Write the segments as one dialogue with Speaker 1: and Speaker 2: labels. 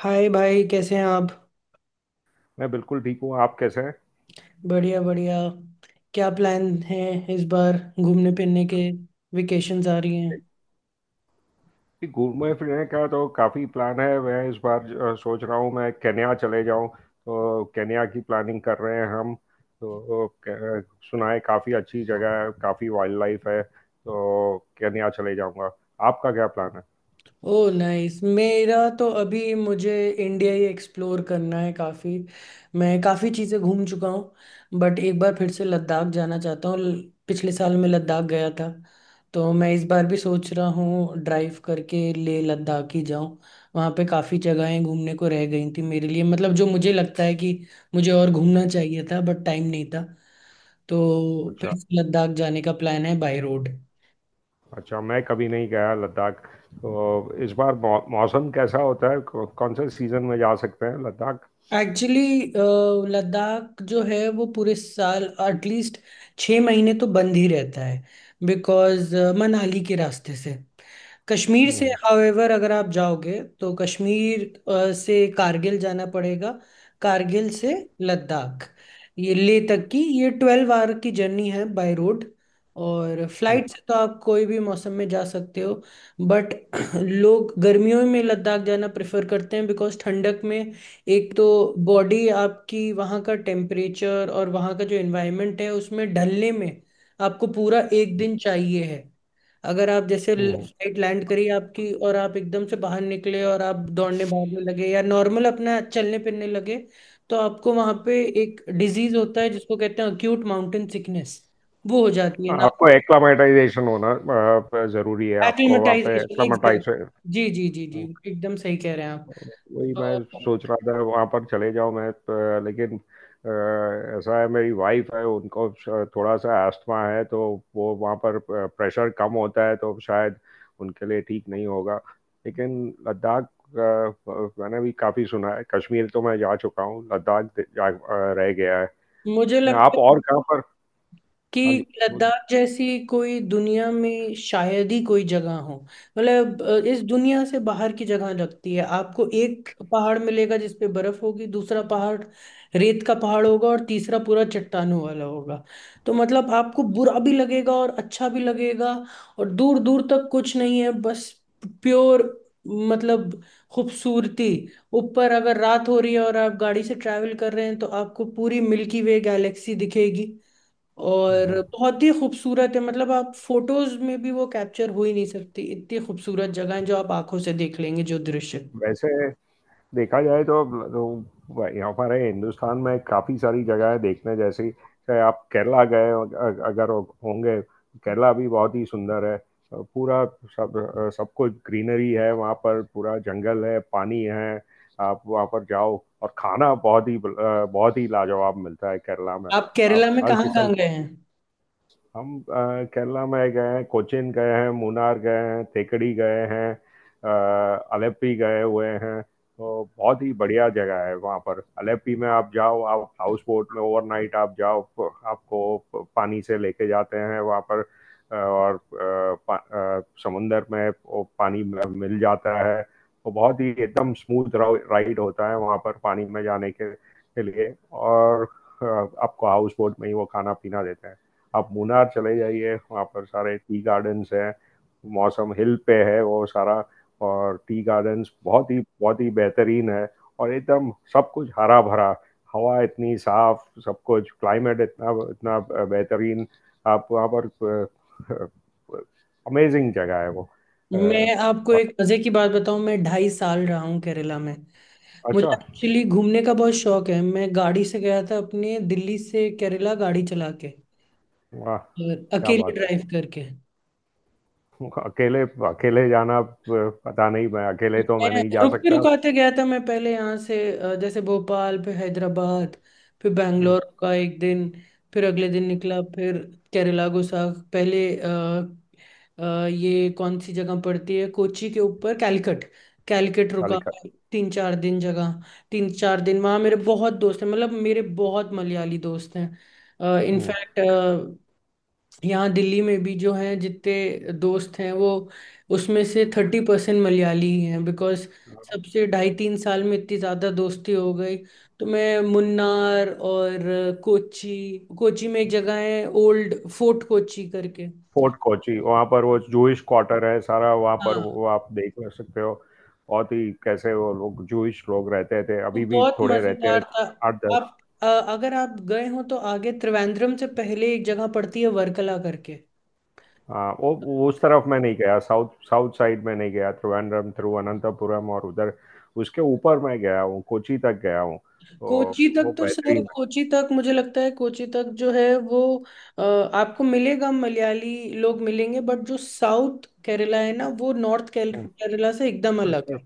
Speaker 1: हाय भाई कैसे हैं आप।
Speaker 2: मैं बिल्कुल ठीक हूँ। आप कैसे हैं?
Speaker 1: बढ़िया बढ़िया। क्या प्लान है इस बार घूमने फिरने के। वेकेशंस आ रही हैं।
Speaker 2: घूमने फिरने का तो काफ़ी प्लान है। मैं इस बार सोच रहा हूँ मैं केन्या चले जाऊँ, तो केन्या की प्लानिंग कर रहे हैं हम। तो सुना है काफ़ी अच्छी जगह है, काफ़ी वाइल्ड लाइफ है, तो केन्या चले जाऊँगा। आपका क्या प्लान है?
Speaker 1: Oh nice. मेरा तो अभी मुझे इंडिया ही एक्सप्लोर करना है काफ़ी। मैं काफ़ी चीज़ें घूम चुका हूँ बट एक बार फिर से लद्दाख जाना चाहता हूँ। पिछले साल मैं लद्दाख गया था। तो मैं इस बार भी सोच रहा हूँ ड्राइव करके लेह लद्दाख ही जाऊँ। वहाँ पे काफ़ी जगहें घूमने को रह गई थी मेरे लिए, मतलब जो मुझे लगता है कि मुझे और घूमना चाहिए था बट टाइम नहीं था। तो
Speaker 2: अच्छा।
Speaker 1: फिर से लद्दाख जाने का प्लान है बाय रोड।
Speaker 2: अच्छा, मैं कभी नहीं गया लद्दाख। तो इस बार मौसम कैसा होता है? कौन से सीज़न में जा सकते हैं लद्दाख?
Speaker 1: एक्चुअली लद्दाख जो है वो पूरे साल एटलीस्ट 6 महीने तो बंद ही रहता है बिकॉज मनाली के रास्ते से। कश्मीर
Speaker 2: हम्म,
Speaker 1: से
Speaker 2: हम्म,
Speaker 1: हावेवर अगर आप जाओगे तो कश्मीर से कारगिल जाना पड़ेगा। कारगिल से लद्दाख। ये लेह तक की ये 12 आवर की जर्नी है बाय रोड। और फ्लाइट से तो आप कोई भी मौसम में जा सकते हो। बट लोग गर्मियों में लद्दाख जाना प्रेफर करते हैं बिकॉज ठंडक में। एक तो बॉडी आपकी, वहाँ का टेम्परेचर और वहाँ का जो एनवायरनमेंट है उसमें ढलने में आपको पूरा एक दिन चाहिए है। अगर आप जैसे
Speaker 2: हम्म, हम्म।
Speaker 1: फ्लाइट लैंड करी आपकी और आप एकदम से बाहर निकले और आप दौड़ने भागने लगे या नॉर्मल अपना चलने फिरने लगे, तो आपको वहाँ पे एक डिजीज होता है जिसको कहते हैं अक्यूट माउंटेन सिकनेस। वो हो जाती है ना।
Speaker 2: आपको एक्लामेटाइजेशन होना जरूरी है, आपको वहाँ पे
Speaker 1: एक्लिमेटाइजेशन एग्जैक्ट।
Speaker 2: एक्लामेटाइज।
Speaker 1: जी जी जी जी, एकदम सही कह रहे हैं आप।
Speaker 2: वही मैं
Speaker 1: तो
Speaker 2: सोच रहा था वहाँ पर चले जाओ मैं, लेकिन ऐसा है, मेरी वाइफ है, उनको थोड़ा सा एस्थमा है। तो वो वहाँ पर प्रेशर कम होता है तो शायद उनके लिए ठीक नहीं होगा। लेकिन लद्दाख, मैंने भी काफ़ी सुना है। कश्मीर तो मैं जा चुका हूँ, लद्दाख जा रह गया है।
Speaker 1: मुझे
Speaker 2: आप
Speaker 1: लगता है
Speaker 2: और कहाँ पर?
Speaker 1: कि
Speaker 2: हाँ जी। वो-
Speaker 1: लद्दाख जैसी कोई दुनिया में शायद ही कोई जगह हो। मतलब इस दुनिया से बाहर की जगह लगती है। आपको एक पहाड़ मिलेगा जिस पे बर्फ होगी, दूसरा पहाड़ रेत का पहाड़ होगा और तीसरा पूरा चट्टानों वाला होगा। तो मतलब आपको बुरा भी लगेगा और अच्छा भी लगेगा। और दूर दूर तक कुछ नहीं है, बस प्योर, मतलब खूबसूरती। ऊपर अगर रात हो रही है और आप गाड़ी से ट्रैवल कर रहे हैं तो आपको पूरी मिल्की वे गैलेक्सी दिखेगी। और बहुत ही खूबसूरत है, मतलब आप फोटोज में भी वो कैप्चर हो ही नहीं सकती, इतनी खूबसूरत जगह है जो आप आंखों से देख लेंगे, जो दृश्य।
Speaker 2: वैसे देखा जाए तो हमारे तो यहाँ पर है, हिंदुस्तान में काफ़ी सारी जगह है देखने जैसी। चाहे आप केरला गए, अगर होंगे। केरला भी बहुत ही सुंदर है, पूरा। सब सब कुछ ग्रीनरी है वहाँ पर, पूरा जंगल है, पानी है। आप वहाँ पर जाओ, और खाना बहुत ही लाजवाब मिलता है केरला में।
Speaker 1: आप
Speaker 2: आप
Speaker 1: केरला में
Speaker 2: हर
Speaker 1: कहाँ
Speaker 2: किस्म।
Speaker 1: कहाँ गए हैं।
Speaker 2: हम केरला में गए हैं, कोचीन गए हैं, मुनार गए हैं, थेकड़ी गए हैं, अ, अलेप्पी गए हुए हैं। तो बहुत ही बढ़िया जगह है वहाँ पर। अलेप्पी में आप जाओ, आप हाउस बोट में ओवरनाइट आप जाओ। आपको पानी से लेके जाते हैं वहाँ पर। और समुंदर में वो पानी में मिल जाता है। वो बहुत ही एकदम स्मूथ राइड होता है, वहाँ पर पानी में जाने के लिए। और अ, आपको हाउस बोट में ही वो खाना पीना देते हैं। आप मुनार चले जाइए, वहाँ पर सारे टी गार्डन्स हैं। मौसम हिल पे है वो सारा। और टी गार्डन्स बहुत ही बेहतरीन है। और एकदम सब कुछ हरा भरा, हवा इतनी साफ, सब कुछ, क्लाइमेट इतना इतना बेहतरीन। आप वहाँ पर, अमेजिंग जगह है वो।
Speaker 1: मैं आपको
Speaker 2: और।
Speaker 1: एक मजे की बात बताऊं, मैं 2.5 साल रहा हूँ केरला में। मुझे
Speaker 2: अच्छा।
Speaker 1: एक्चुअली घूमने का बहुत शौक है। मैं गाड़ी से गया था, अपने दिल्ली से केरला गाड़ी चला के
Speaker 2: वाह।
Speaker 1: और
Speaker 2: क्या
Speaker 1: अकेले
Speaker 2: बात है!
Speaker 1: ड्राइव करके।
Speaker 2: अकेले? अकेले जाना? पता नहीं, मैं अकेले तो मैं
Speaker 1: मैं
Speaker 2: नहीं जा
Speaker 1: रुकते
Speaker 2: सकता।
Speaker 1: रुकाते गया था। मैं पहले यहाँ से जैसे भोपाल, फिर हैदराबाद, फिर बैंगलोर का एक दिन। फिर अगले दिन निकला, फिर केरला गुसाख पहले ये कौन सी जगह पड़ती है कोची के ऊपर, कैलकट। कैलकट रुका
Speaker 2: कालिका।
Speaker 1: तीन चार दिन जगह। तीन चार दिन वहाँ मेरे बहुत दोस्त हैं, मतलब मेरे बहुत मलयाली दोस्त हैं इनफैक्ट। यहाँ दिल्ली में भी जो हैं, जितने दोस्त हैं वो उसमें से 30% मलयाली ही हैं, बिकॉज सबसे ढाई तीन साल में इतनी ज़्यादा दोस्ती हो गई। तो मैं मुन्नार और कोची, कोची में एक जगह है ओल्ड फोर्ट कोची करके।
Speaker 2: फोर्ट कोची, वहाँ पर वो जूश क्वार्टर है सारा, वहाँ पर
Speaker 1: हाँ,
Speaker 2: वो आप देख ले सकते हो। बहुत ही, कैसे वो लोग, जूश लोग रहते थे,
Speaker 1: वो
Speaker 2: अभी भी
Speaker 1: बहुत
Speaker 2: थोड़े रहते हैं।
Speaker 1: मज़ेदार था।
Speaker 2: आठ दस।
Speaker 1: आप अ, अगर आप गए हो तो आगे त्रिवेंद्रम से पहले एक जगह पड़ती है, वर्कला करके।
Speaker 2: हाँ, वो उस तरफ मैं नहीं गया। साउथ साउथ साइड में नहीं गया। त्रिवेंद्रम, तिरुवनंतपुरम और उधर, उसके ऊपर मैं गया हूँ, कोची तक गया हूँ, तो
Speaker 1: कोची
Speaker 2: वो
Speaker 1: तक तो सर,
Speaker 2: बेहतरीन है।
Speaker 1: कोची तक मुझे लगता है कोची तक जो है वो आपको मिलेगा, मलयाली लोग मिलेंगे, बट जो साउथ केरला है ना वो नॉर्थ
Speaker 2: हम्म।
Speaker 1: केरला से एकदम अलग
Speaker 2: उसके-
Speaker 1: है।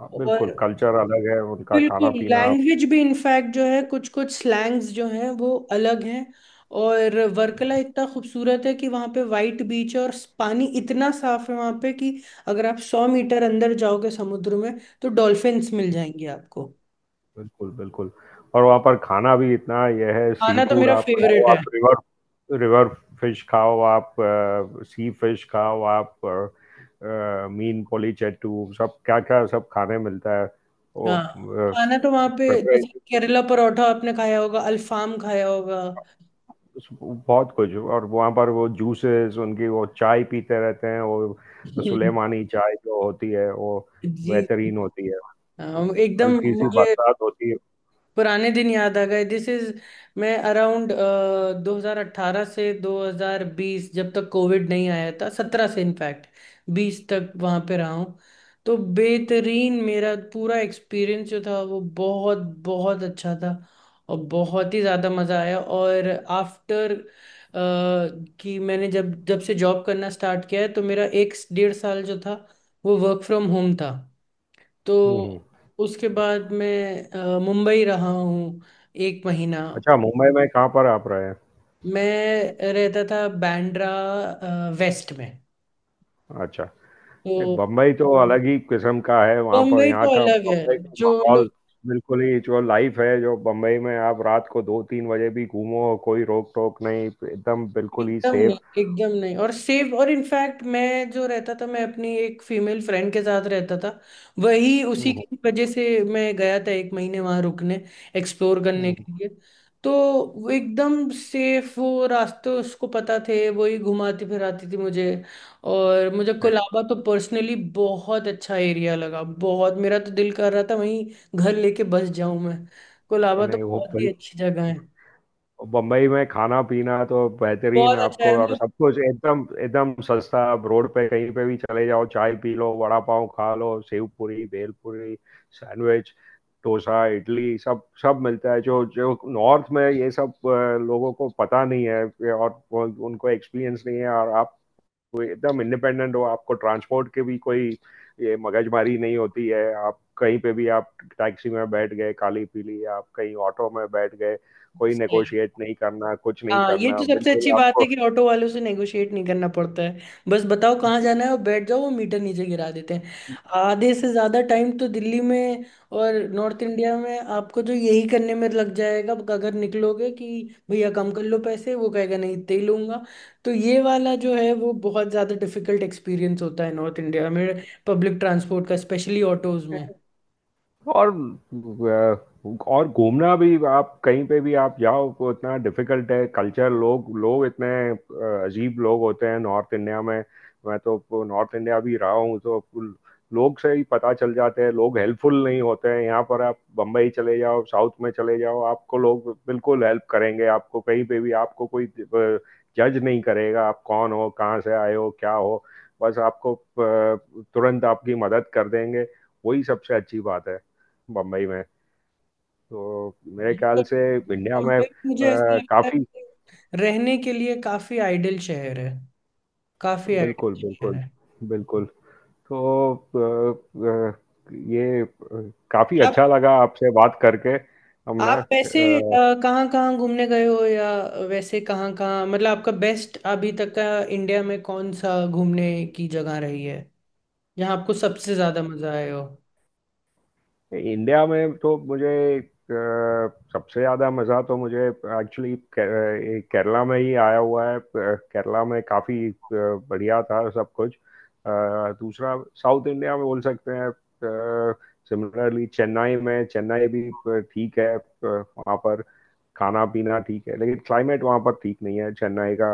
Speaker 2: हाँ, बिल्कुल।
Speaker 1: और
Speaker 2: कल्चर अलग है उनका, खाना
Speaker 1: बिल्कुल
Speaker 2: पीना।
Speaker 1: लैंग्वेज भी, इनफैक्ट जो है कुछ कुछ स्लैंग्स जो हैं वो अलग हैं। और वर्कला इतना खूबसूरत है कि वहाँ पे वाइट बीच है और पानी इतना साफ है वहाँ पे कि अगर आप 100 मीटर अंदर जाओगे समुद्र में तो डॉल्फिन्स मिल जाएंगी आपको।
Speaker 2: बिल्कुल, बिल्कुल। और वहाँ पर खाना भी इतना यह है, सी
Speaker 1: खाना तो
Speaker 2: फूड
Speaker 1: मेरा
Speaker 2: आप खाओ,
Speaker 1: फेवरेट है।
Speaker 2: आप रिवर रिवर फिश खाओ आप। सी फिश खाओ आप। मीन पोलीचेटू, सब क्या क्या सब खाने मिलता है वो।
Speaker 1: हाँ, खाना तो वहां पे जैसे
Speaker 2: प्रिपरेशन
Speaker 1: केरला परोठा आपने खाया होगा, अल्फाम खाया होगा।
Speaker 2: बहुत कुछ। और वहाँ पर वो जूसेस उनकी, वो चाय पीते रहते हैं वो।
Speaker 1: हम्म,
Speaker 2: सुलेमानी चाय जो होती है वो
Speaker 1: जी।
Speaker 2: बेहतरीन होती है। वो
Speaker 1: हाँ, एकदम।
Speaker 2: हल्की सी
Speaker 1: मुझे
Speaker 2: बरसात होती है।
Speaker 1: पुराने दिन याद आ गए। दिस इज, मैं अराउंड 2018 से 2020, जब तक कोविड नहीं आया था, 17 से इनफैक्ट 20 तक वहां पे रहा हूँ। तो बेहतरीन, मेरा पूरा एक्सपीरियंस जो था वो बहुत बहुत अच्छा था और बहुत ही ज़्यादा मज़ा आया। और आफ्टर कि मैंने जब जब से जॉब करना स्टार्ट किया है, तो मेरा एक 1.5 साल जो था वो वर्क फ्रॉम होम था। तो
Speaker 2: हुँ, हुँ।
Speaker 1: उसके बाद मैं मुंबई रहा हूँ एक महीना।
Speaker 2: अच्छा, मुंबई में कहाँ पर आप रहे हैं?
Speaker 1: मैं रहता था बांद्रा वेस्ट में।
Speaker 2: अच्छा। नहीं,
Speaker 1: तो
Speaker 2: बम्बई तो अलग ही किस्म का है, वहाँ पर
Speaker 1: मुंबई
Speaker 2: यहाँ
Speaker 1: तो
Speaker 2: का
Speaker 1: अलग है,
Speaker 2: बम्बई का
Speaker 1: जो
Speaker 2: माहौल। बिल्कुल ही, जो लाइफ है जो बम्बई में, आप रात को 2-3 बजे भी घूमो, कोई रोक टोक नहीं। एकदम बिल्कुल ही
Speaker 1: एकदम नहीं,
Speaker 2: सेफ।
Speaker 1: एकदम नहीं। और सेफ, और इनफैक्ट मैं जो रहता था मैं अपनी एक फीमेल फ्रेंड के साथ रहता था, वही, उसी
Speaker 2: नहीं,
Speaker 1: की वजह से मैं गया था एक महीने वहां रुकने, एक्सप्लोर करने के लिए। तो वो एकदम सेफ, वो रास्ते उसको पता थे, वही घुमाती फिराती थी मुझे। और मुझे कोलाबा तो पर्सनली बहुत अच्छा एरिया लगा, बहुत, मेरा तो दिल कर रहा था वहीं घर लेके बस जाऊं मैं। कोलाबा तो
Speaker 2: नहीं, वो
Speaker 1: बहुत ही
Speaker 2: बिल्कुल।
Speaker 1: अच्छी जगह है।
Speaker 2: बम्बई में खाना पीना तो बेहतरीन
Speaker 1: बहुत अच्छा
Speaker 2: आपको,
Speaker 1: है,
Speaker 2: और
Speaker 1: हम
Speaker 2: सब कुछ एकदम एकदम सस्ता। आप रोड पे कहीं पे भी चले जाओ, चाय पी लो, वड़ा पाव खा लो, सेव पूरी, भेल पूरी, सैंडविच, डोसा, इडली, सब सब मिलता है। जो जो नॉर्थ में ये सब लोगों को पता नहीं है, और उनको एक्सपीरियंस नहीं है। और आप एकदम इंडिपेंडेंट हो, आपको ट्रांसपोर्ट की भी कोई ये मगजमारी नहीं होती है। आप कहीं पे भी, आप टैक्सी में बैठ गए काली पीली, आप कहीं ऑटो में बैठ गए, कोई
Speaker 1: लोग।
Speaker 2: नेगोशिएट नहीं करना, कुछ नहीं
Speaker 1: हाँ, ये
Speaker 2: करना
Speaker 1: तो सबसे अच्छी
Speaker 2: बिल्कुल
Speaker 1: बात है
Speaker 2: आपको।
Speaker 1: कि ऑटो वालों से नेगोशिएट नहीं करना पड़ता है। बस बताओ कहाँ जाना है और बैठ जाओ, वो मीटर नीचे गिरा देते हैं। आधे से ज्यादा टाइम तो दिल्ली में और नॉर्थ इंडिया में आपको जो यही करने में लग जाएगा अगर निकलोगे कि भैया कम कर लो पैसे, वो कहेगा नहीं इतने ही लूंगा। तो ये वाला जो है वो बहुत ज्यादा डिफिकल्ट एक्सपीरियंस होता है नॉर्थ इंडिया में पब्लिक ट्रांसपोर्ट का, स्पेशली ऑटोज में।
Speaker 2: और अ, और घूमना भी। आप कहीं पे भी आप जाओ तो इतना डिफिकल्ट है, कल्चर, लोग लोग इतने अजीब लोग होते हैं नॉर्थ इंडिया में। मैं तो नॉर्थ इंडिया भी रहा हूँ, तो लोग से ही पता चल जाते हैं, लोग हेल्पफुल नहीं होते हैं यहाँ पर। आप बम्बई चले जाओ, साउथ में चले जाओ, आपको लोग बिल्कुल हेल्प करेंगे। आपको कहीं पे भी आपको कोई जज नहीं करेगा, आप कौन हो, कहाँ से आए हो, क्या हो। बस आपको तुरंत आपकी मदद कर देंगे। वही सबसे अच्छी बात है बम्बई में। तो मेरे
Speaker 1: ये
Speaker 2: ख्याल
Speaker 1: तो-
Speaker 2: से इंडिया में
Speaker 1: मुंबई मुझे ऐसा लगता है
Speaker 2: काफी।
Speaker 1: कि रहने के लिए काफी आइडियल शहर है। काफी
Speaker 2: बिल्कुल,
Speaker 1: आइडिया यार
Speaker 2: बिल्कुल,
Speaker 1: है।
Speaker 2: बिल्कुल। तो ये काफी
Speaker 1: आप
Speaker 2: अच्छा लगा आपसे बात करके। हमने
Speaker 1: आप वैसे कहाँ कहाँ घूमने गए हो, या वैसे कहाँ कहाँ, मतलब आपका बेस्ट अभी तक का इंडिया में कौन सा घूमने की जगह रही है जहाँ आपको सबसे ज्यादा मजा आया हो।
Speaker 2: इंडिया में तो मुझे अ, सबसे ज्यादा मजा तो मुझे एक्चुअली केरला में ही आया हुआ है। केरला में काफी बढ़िया था सब कुछ। दूसरा साउथ इंडिया में बोल सकते हैं। सिमिलरली चेन्नई में। चेन्नई भी ठीक है, वहाँ पर खाना पीना ठीक है, लेकिन क्लाइमेट वहाँ पर ठीक नहीं है चेन्नई का।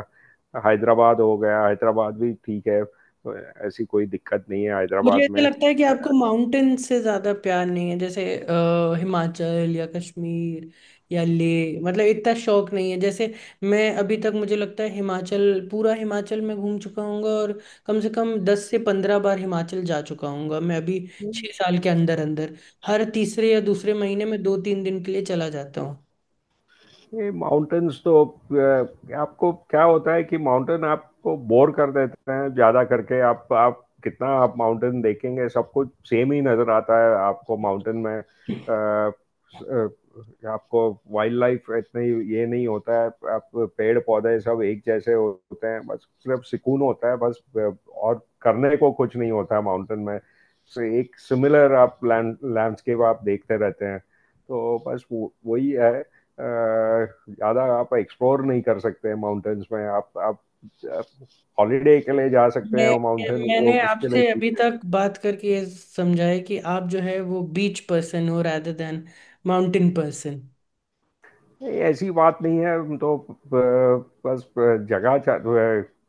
Speaker 2: हैदराबाद हो गया, हैदराबाद भी ठीक है, ऐसी कोई दिक्कत नहीं है
Speaker 1: मुझे
Speaker 2: हैदराबाद
Speaker 1: ऐसा
Speaker 2: में।
Speaker 1: लगता है कि आपको माउंटेन से ज्यादा प्यार नहीं है, जैसे हिमाचल या कश्मीर या लेह, मतलब इतना शौक नहीं है। जैसे मैं, अभी तक मुझे लगता है हिमाचल, पूरा हिमाचल मैं घूम चुका हूँ और कम से कम 10 से 15 बार हिमाचल जा चुका हूँ मैं। अभी 6 साल के अंदर अंदर हर तीसरे या दूसरे महीने में दो तीन दिन के लिए चला जाता हूँ
Speaker 2: ये माउंटेन्स तो, आपको क्या होता है कि माउंटेन आपको बोर कर देते हैं ज़्यादा करके। आप कितना आप माउंटेन देखेंगे, सब कुछ सेम ही नज़र आता है आपको माउंटेन में। अ, आपको वाइल्ड लाइफ इतनी ये नहीं होता है। आप पेड़ पौधे सब एक जैसे होते हैं, बस सिर्फ सुकून होता है बस, और करने को कुछ नहीं होता है माउंटेन में। So, एक सिमिलर आप लैंडस्केप आप देखते रहते हैं, तो बस वही है। ज़्यादा आप एक्सप्लोर नहीं कर सकते हैं माउंटेन्स में। आप हॉलीडे के लिए जा सकते हैं,
Speaker 1: मैं।
Speaker 2: वो माउंटेन वो
Speaker 1: मैंने
Speaker 2: उसके लिए
Speaker 1: आपसे अभी
Speaker 2: ठीक।
Speaker 1: तक बात करके ये समझा है कि आप जो है वो बीच पर्सन हो, रादर देन माउंटेन पर्सन।
Speaker 2: नहीं, ऐसी बात नहीं है। हम तो बस जगह,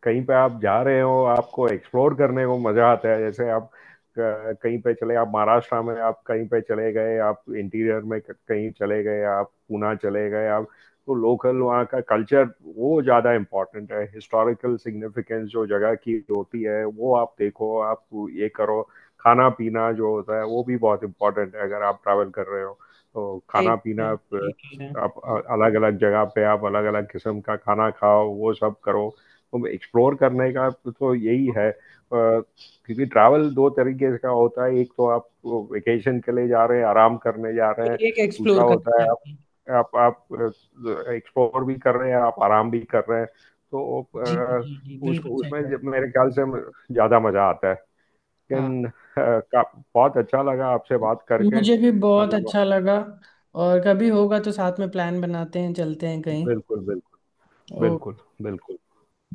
Speaker 2: कहीं पे आप जा रहे हो, आपको एक्सप्लोर करने को मजा आता है। जैसे आप कहीं पे चले, आप महाराष्ट्र में, आप कहीं पे चले गए, आप इंटीरियर में कहीं चले गए, आप पूना चले गए, आप तो लोकल वहाँ का कल्चर, वो ज़्यादा इम्पोर्टेंट है। हिस्टोरिकल सिग्निफिकेंस जो जगह की होती है, वो आप देखो, आप ये करो। खाना पीना जो होता है वो भी बहुत इम्पोर्टेंट है अगर आप ट्रैवल कर रहे हो। तो
Speaker 1: सही
Speaker 2: खाना
Speaker 1: कह रहे
Speaker 2: पीना
Speaker 1: हैं, सही कह रहे हैं।
Speaker 2: आप अलग अलग जगह पे आप अलग अलग किस्म का खाना खाओ, वो सब करो। तो एक्सप्लोर करने का तो यही है। क्योंकि ट्रैवल दो तरीके का होता है, एक तो आप वेकेशन के लिए जा रहे हैं, आराम करने जा रहे हैं।
Speaker 1: ये एक
Speaker 2: दूसरा
Speaker 1: एक्सप्लोर करनी
Speaker 2: होता है आप
Speaker 1: चाहिए।
Speaker 2: आप आप एक्सप्लोर भी कर रहे हैं, आप आराम भी कर रहे हैं। तो
Speaker 1: जी जी जी
Speaker 2: उस
Speaker 1: बिल्कुल सही
Speaker 2: उसमें
Speaker 1: कह रहे
Speaker 2: जब मेरे ख्याल से ज़्यादा मज़ा आता है।
Speaker 1: हैं। हाँ,
Speaker 2: लेकिन का- बहुत अच्छा लगा आपसे बात करके।
Speaker 1: मुझे भी बहुत अच्छा लगा। और कभी होगा तो साथ में प्लान बनाते हैं, चलते हैं कहीं।
Speaker 2: बिल्कुल, बिल्कुल,
Speaker 1: ओ।
Speaker 2: बिल्कुल, बिल्कुल।